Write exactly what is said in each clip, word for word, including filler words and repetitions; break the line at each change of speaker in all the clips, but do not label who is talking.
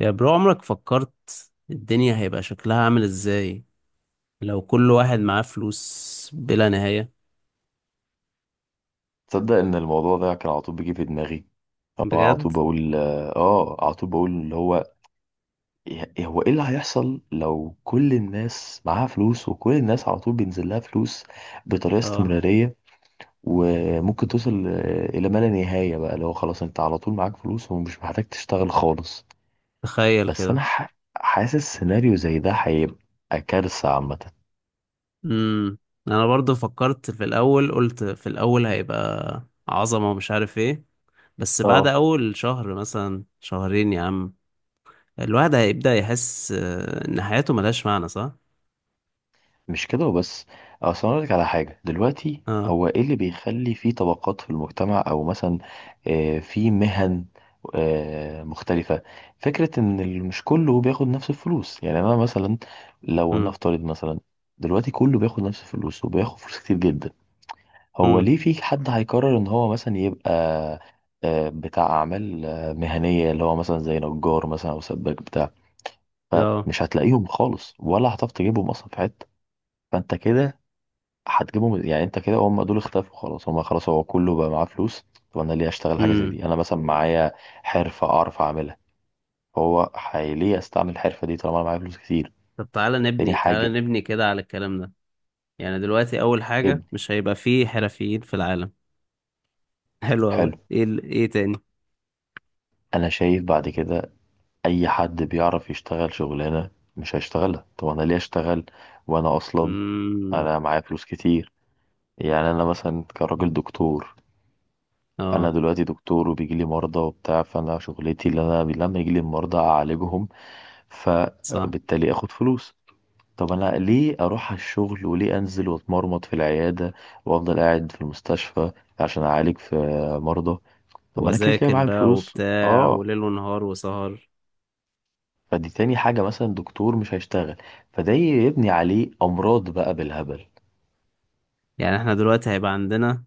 يا برو، عمرك فكرت الدنيا هيبقى شكلها عامل ازاي لو كل واحد معاه فلوس بلا نهاية؟
تصدق ان الموضوع ده كان على طول بيجي في دماغي؟ اه، على
بجد؟
طول بقول. اه على طول بقول اللي هو إيه- هو ايه اللي هيحصل لو كل الناس معاها فلوس وكل الناس على طول بينزل لها فلوس بطريقة
اه،
استمرارية، وممكن توصل آه، الى ما لا نهاية، بقى اللي هو خلاص انت على طول معاك فلوس ومش محتاج تشتغل خالص.
تخيل
بس انا
كده.
ح- حاسس سيناريو زي ده هيبقى كارثة عامة.
امم انا برضو فكرت في الاول، قلت في الاول هيبقى عظمة ومش عارف ايه، بس بعد
اه،
اول شهر مثلا، شهرين يا عم الواحد هيبدأ يحس آه، ان حياته ملهاش معنى، صح؟
مش كده وبس. أه، اصل انا أقولك على حاجه دلوقتي،
اه.
هو ايه اللي بيخلي في طبقات في المجتمع، او مثلا آه، في مهن آه، مختلفه؟ فكره ان ال- مش كله بياخد نفس الفلوس. يعني انا مثلا، لو
امم.
نفترض مثلا دلوقتي كله بياخد نفس الفلوس وبياخد فلوس كتير جدا، هو
امم.
ليه في حد هيقرر ان هو مثلا يبقى آه، بتاع اعمال آه، مهنيه، اللي هو مثلا زي نجار مثلا او سباك بتاع؟
اه.
فمش هتلاقيهم خالص ولا هتعرف تجيبهم اصلا في حته. فانت كده هتجيبهم، يعني انت كده هم دول اختفوا خلاص، هم خلاص هو كله بقى معاه فلوس. طب انا ليه اشتغل حاجه زي
امم
دي؟ انا مثلا معايا حرفه اعرف اعملها، هو حي- ليه استعمل الحرفه دي طالما انا معايا فلوس كتير؟
طب تعالى
تاني
نبني
حاجه،
تعالى نبني كده على الكلام ده، يعني دلوقتي اول حاجة
ابني.
مش هيبقى فيه حرفيين في العالم. حلو اوي،
حلو.
ايه ال- ايه تاني؟
انا شايف بعد كده اي حد بيعرف يشتغل شغلانه مش هيشتغلها. طب انا ليه اشتغل وانا اصلا
امم.
انا معايا فلوس كتير؟ يعني انا مثلا كراجل دكتور، انا
اه.
دلوقتي دكتور وبيجي لي مرضى وبتاع، فانا شغلتي اللي انا لما يجي لي المرضى اعالجهم
صح.
فبالتالي اخد فلوس. طب انا ليه اروح على الشغل وليه انزل واتمرمط في العياده وافضل قاعد في المستشفى عشان اعالج في مرضى؟ طب ما انا كده كده
وذاكر
معايا
بقى
فلوس.
وبتاع
اه،
وليل ونهار وسهر.
فدي تاني حاجه، مثلا دكتور مش هيشتغل، فده يبني عليه امراض بقى بالهبل.
يعني احنا دلوقتي هيبقى عندنا،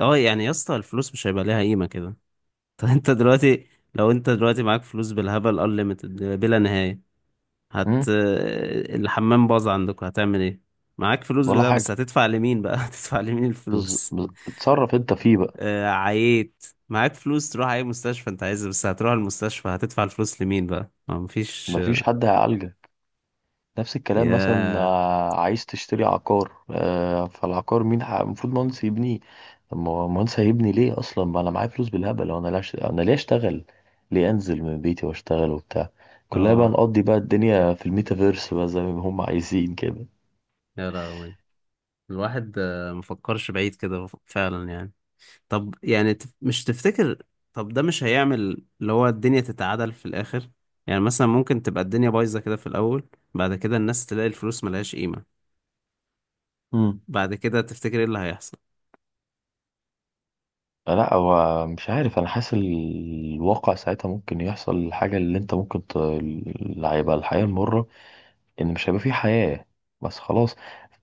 اه، يعني يا اسطى الفلوس مش هيبقى ليها قيمة كده. طب انت دلوقتي، لو انت دلوقتي معاك فلوس بالهبل unlimited، بلا نهاية، هت
امم.
الحمام باظ عندك، هتعمل ايه؟ معاك فلوس
ولا
بده، بس
حاجه.
هتدفع لمين بقى؟ هتدفع لمين
بز...
الفلوس؟
بز... اتصرف انت فيه بقى.
آه، عييت، معاك فلوس تروح اي مستشفى انت عايزها، بس هتروح المستشفى هتدفع الفلوس لمين بقى؟ ما مفيش.
مفيش حد هيعالجك. نفس الكلام، مثلا
يا
آه، عايز تشتري عقار، آه، فالعقار مين ح- المفروض مهندس يبنيه؟ طب ما هو مهندس هيبني ليه اصلا ما انا معايا فلوس بالهبل، وانا لا أش- انا ليه اشتغل؟ ليه انزل من بيتي واشتغل وبتاع؟ كلها بقى،
اه.
نقضي بقى الدنيا في الميتافيرس بقى زي ما هم عايزين كده.
يا لهوي. الواحد آه، مفكرش بعيد كده، ف- فعلا يعني. طب يعني، تف- مش تفتكر طب ده مش هيعمل اللي هو الدنيا تتعادل في الاخر؟ يعني مثلا ممكن تبقى الدنيا بايظة كده في الاول، بعد كده الناس تلاقي الفلوس ملهاش قيمة،
مم.
بعد كده تفتكر ايه اللي هيحصل؟
لا، هو مش عارف، انا حاسس ال- الواقع ساعتها ممكن يحصل الحاجة اللي انت ممكن ت... اللي هيبقى الحياة المرة، ان مش هيبقى في حياة. بس خلاص،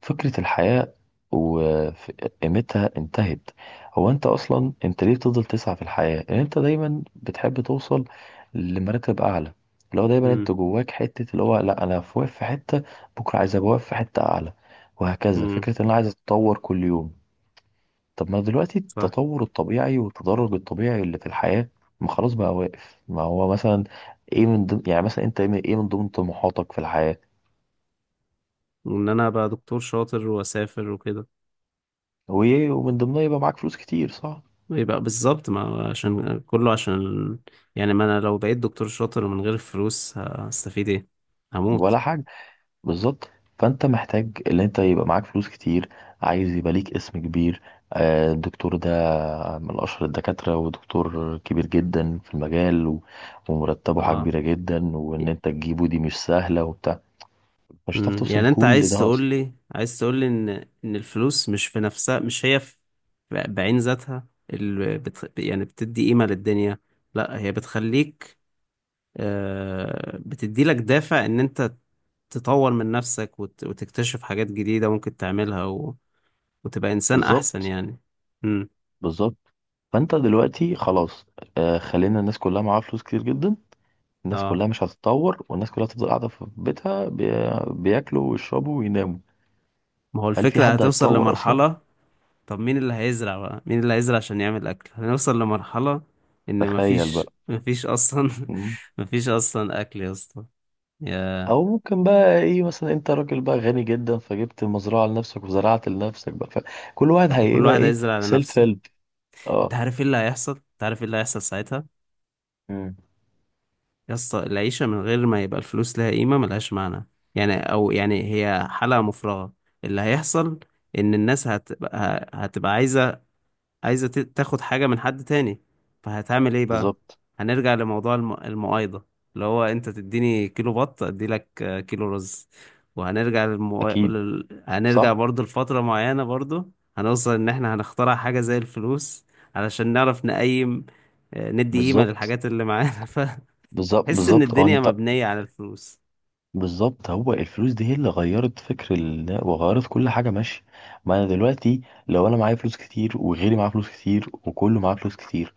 فكرة الحياة وقيمتها انتهت. هو انت اصلا انت ليه بتفضل تسعى في الحياة؟ ان انت دايما بتحب توصل لمراتب اعلى، اللي هو دايما انت
امم.
جواك حتة اللي هو، لا انا في واقف في حتة، بكرة عايز ابقى واقف في حتة اعلى، وهكذا.
امم.
فكرة ان انا عايز اتطور كل يوم. طب ما دلوقتي
صح.
التطور الطبيعي والتدرج الطبيعي اللي في الحياة، ما خلاص بقى واقف. ما هو مثلا ايه من ضمن، يعني مثلا انت ايه من ضمن طموحاتك في الحياة؟
وان انا ابقى دكتور شاطر واسافر وكده.
وايه ومن ضمنها يبقى معاك فلوس كتير، صح؟
يبقى بالظبط، ما هو عشان كله عشان ال- يعني ما انا لو بقيت دكتور شاطر من غير الفلوس هستفيد ايه؟
ولا
هموت.
حاجه. بالظبط. فانت محتاج ان انت يبقى معاك فلوس كتير، عايز يبقى ليك اسم كبير، آه، الدكتور ده من اشهر الدكاتره ودكتور كبير جدا في المجال، و- ومرتبه حاجه
اه.
كبيره جدا، وان انت تجيبه دي مش سهله وبتاع. مش هتعرف
أمم،
توصل
يعني انت
لكل
عايز
ده
تقول
اصلا.
لي عايز تقول لي ان ان الفلوس مش في نفسها، مش هي في ب- بعين ذاتها اللي بت يعني بتدي قيمة للدنيا. لا، هي بتخليك، آه بتدي لك دافع ان انت تطور من نفسك وت وتكتشف حاجات جديدة ممكن تعملها، و وتبقى انسان احسن
بالظبط.
يعني. امم.
بالظبط فانت دلوقتي خلاص، آه، خلينا الناس كلها معاها فلوس كتير جدا. الناس
اه.
كلها مش هتتطور، والناس كلها تفضل قاعده في بيتها بي- بياكلوا ويشربوا ويناموا.
ما هو
هل في
الفكرة
حد
هتوصل
هيتطور اصلا؟
لمرحلة، طب مين اللي هيزرع بقى؟ مين اللي هيزرع عشان يعمل أكل؟ هنوصل لمرحلة إن
تخيل
مفيش
بقى.
مفيش أصلا.
مم.
مفيش أصلا أكل يا اسطى. يا
او ممكن بقى ايه، مثلا انت راجل بقى غني جدا فجبت مزرعه لنفسك وزرعت لنفسك بقى، فكل واحد
كل
هيبقى
واحد
ايه؟
هيزرع
سيلف
لنفسه.
هيلب. اه.
أنت عارف إيه اللي هيحصل أنت عارف إيه اللي هيحصل ساعتها؟
مم.
يا اسطى العيشة من غير ما يبقى الفلوس لها قيمة، ملهاش معنى. يعني، أو يعني هي حلقة مفرغة. اللي هيحصل إن الناس هتبقى هتبقى عايزة، عايزة ت- تاخد حاجة من حد تاني، فهتعمل ايه بقى؟
بالظبط.
هنرجع لموضوع الم... المقايضة، اللي هو انت تديني كيلو بط اديلك آه، كيلو رز. وهنرجع للمو...
اكيد.
لل... هنرجع
صح.
برضو لفترة معينة، برضو هنوصل ان احنا هنخترع حاجة زي الفلوس علشان نعرف نقيم، آه، ندي قيمة
بالظبط
للحاجات اللي معانا. فتحس
بالظبط
ان
بالظبط هو
الدنيا
انت،
مبنية على الفلوس.
بالظبط. هو الفلوس دي هي اللي غيرت فكر ال... وغيرت كل حاجه. ماشي، ما انا دلوقتي لو انا معايا فلوس كتير وغيري معاه فلوس كتير وكله معاه فلوس كتير،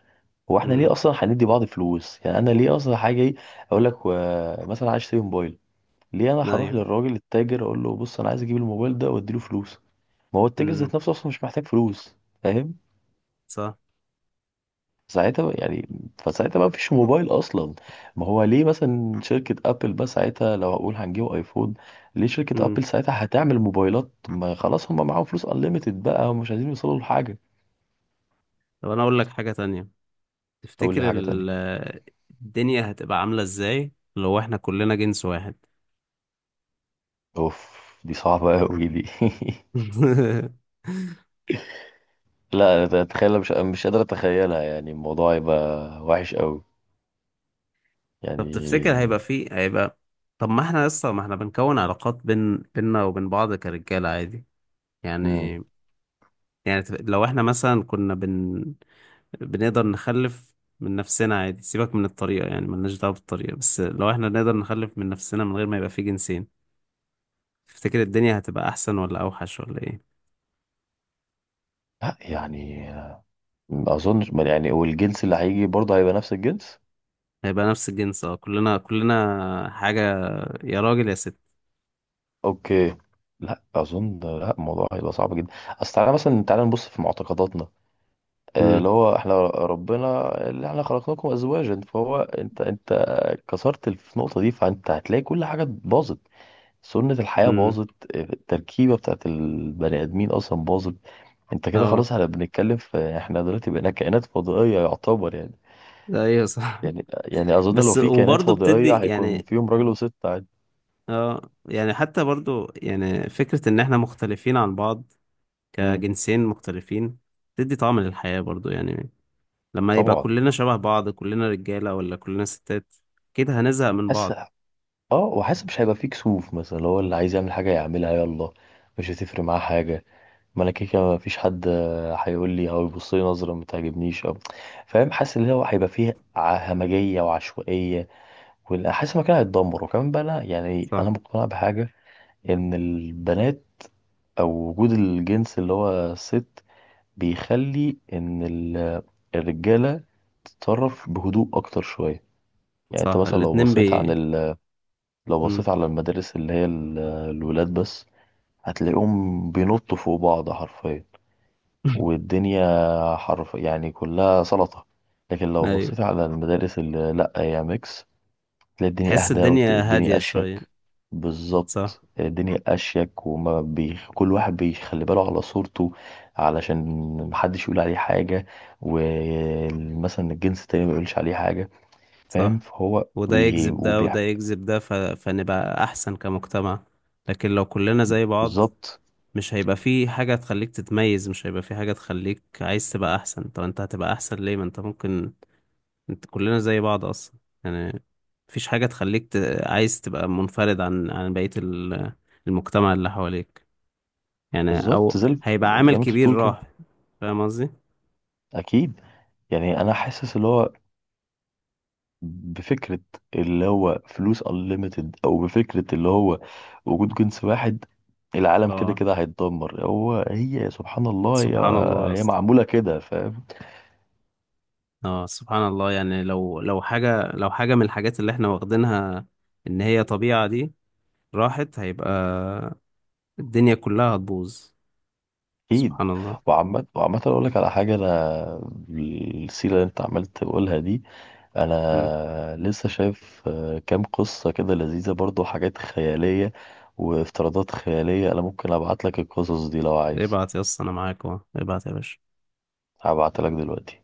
هو احنا ليه
امم.
اصلا هندي بعض فلوس؟ يعني انا ليه اصلا هاجي اقول لك و... مثلا عايز اشتري موبايل، ليه انا هروح
ايوه.
للراجل التاجر اقول له بص انا عايز اجيب الموبايل ده واديله فلوس؟ ما هو التاجر
امم.
ذات نفسه اصلا مش محتاج فلوس. فاهم؟
صح.
ساعتها بقى، يعني فساعتها ما فيش موبايل اصلا. ما هو ليه مثلا شركة ابل بقى ساعتها، لو هقول هنجيب ايفون، ليه شركة
امم.
ابل ساعتها هتعمل موبايلات؟ ما خلاص هم معاهم فلوس انليميتد بقى ومش عايزين يوصلوا لحاجة.
طب انا اقول لك حاجة تانية،
اقول لي
تفتكر
حاجة تانية.
ال- الدنيا هتبقى عاملة ازاي لو احنا كلنا جنس واحد؟
اوف، دي صعبة قوي دي. لا أنا اتخيل، مش مش قادر اتخيلها، يعني الموضوع يبقى وحش قوي
طب تفتكر
يعني.
هيبقى فيه، هيبقى طب ما احنا لسه ما احنا بنكون علاقات بين بيننا وبين بعض كرجالة عادي
مم.
يعني. يعني تف- لو احنا مثلا كنا بن بنقدر نخلف من نفسنا عادي، سيبك من الطريقة، يعني ملناش دعوة بالطريقة، بس لو احنا نقدر نخلف من نفسنا من غير ما يبقى فيه جنسين، تفتكر الدنيا هتبقى احسن ولا اوحش ولا ايه؟
لا يعني، ما اظنش، ما يعني والجنس اللي هيجي برضه هيبقى نفس الجنس.
هيبقى نفس الجنس، اه، كلنا كلنا حاجة، يا راجل يا ست.
اوكي. لا اظن، لا الموضوع هيبقى صعب جدا. اصل تعالى مثلا، تعالى نبص في معتقداتنا، آه،
امم.
اللي هو احنا، ربنا اللي احنا خلقناكم ازواجا، فهو انت، انت كسرت في النقطه دي، فانت هتلاقي كل حاجه باظت. سنه الحياه
امم.
باظت، آه، التركيبه بتاعت البني ادمين اصلا باظت. انت كده
اه.
خلاص، احنا بنتكلم في احنا دلوقتي بقينا كائنات فضائية يعتبر يعني.
ده، ايوه صح.
يعني يعني اظن لو
بس
في كائنات
وبرضه بتدي
فضائية هيكون
يعني،
فيهم راجل وست عادي.
اه يعني حتى برضه يعني فكرة ان احنا مختلفين عن بعض
امم.
كجنسين مختلفين بتدي طعم للحياة برضه يعني. لما يبقى
طبعا.
كلنا شبه بعض، كلنا رجالة ولا كلنا ستات، كده هنزهق من
حاسس،
بعض.
اه، وحاسس مش هيبقى فيه كسوف، مثلا لو هو اللي عايز يعمل حاجة يعملها يلا، مش هتفرق معاه حاجة. ما انا كده كده مفيش حد، آه، هيقول لي او يبص لي نظرة ما تعجبنيش او. فاهم؟ حاسس ان هو هيبقى فيه ع- همجية وعشوائية، وحاسس المكان هيتدمر. وكمان بقى، انا يعني انا
صح.
مقتنع بحاجة، ان البنات او وجود الجنس اللي هو الست بيخلي ان ال- الرجاله تتصرف بهدوء اكتر شويه. يعني انت
صح.
مثلا لو
الاتنين
بصيت عن
بي
ال... لو
امم.
بصيت على المدارس اللي هي ال- الولاد بس، هتلاقيهم بينطوا فوق بعض حرفيا. والدنيا حرف يعني كلها سلطه. لكن لو
ايوه،
بصيت على المدارس اللي لا هي ميكس، تلاقي الدنيا
تحس
اهدى
الدنيا
والدنيا
هادية شوية.
اشيك.
صح.
بالظبط، الدنيا اشيك وما بي... كل واحد بيخلي باله على صورته علشان محدش يقول عليه حاجه، ومثلا الجنس التاني ما يقولش عليه حاجه. فاهم؟
صح،
فهو
وده
بي...
يجذب ده
وبي...
وده يجذب ده، ف... فنبقى احسن كمجتمع. لكن لو كلنا زي بعض،
بالظبط.
مش هيبقى في حاجة تخليك تتميز، مش هيبقى في حاجة تخليك عايز تبقى أحسن. طب أنت هتبقى أحسن ليه، ما أنت ممكن أنت كلنا زي بعض أصلا؟ يعني، مفيش حاجة تخليك ت... عايز تبقى منفرد عن عن بقية ال- المجتمع اللي حواليك، يعني.
بالظبط
أو
زي ال-
هيبقى
زي
عامل
ما انت
كبير
بتقول كده.
راح. فاهم قصدي؟
اكيد. يعني انا حاسس اللي هو، بفكرة اللي هو فلوس unlimited، أو بفكرة اللي هو وجود جنس واحد، العالم كده
اه،
كده هيتدمر. هو هي سبحان الله، هي
سبحان الله يا
هي
اسطى.
معمولة كده. فاهم؟
اه سبحان الله، يعني لو لو حاجة، لو حاجة من الحاجات اللي احنا واخدينها إن هي طبيعة دي راحت، هيبقى الدنيا كلها هتبوظ.
أكيد.
سبحان الله.
وعامة، وعامة أقول لك على حاجة، أنا السيرة اللي أنت عمال تقولها دي أنا لسه شايف آه، كام قصة كده لذيذة برضو، حاجات خيالية وافتراضات خيالية. أنا ممكن أبعت لك القصص دي لو عايز.
ابعت يا اسطى، انا معاك اهو، ابعت يا باشا.
هبعتها لك دلوقتي.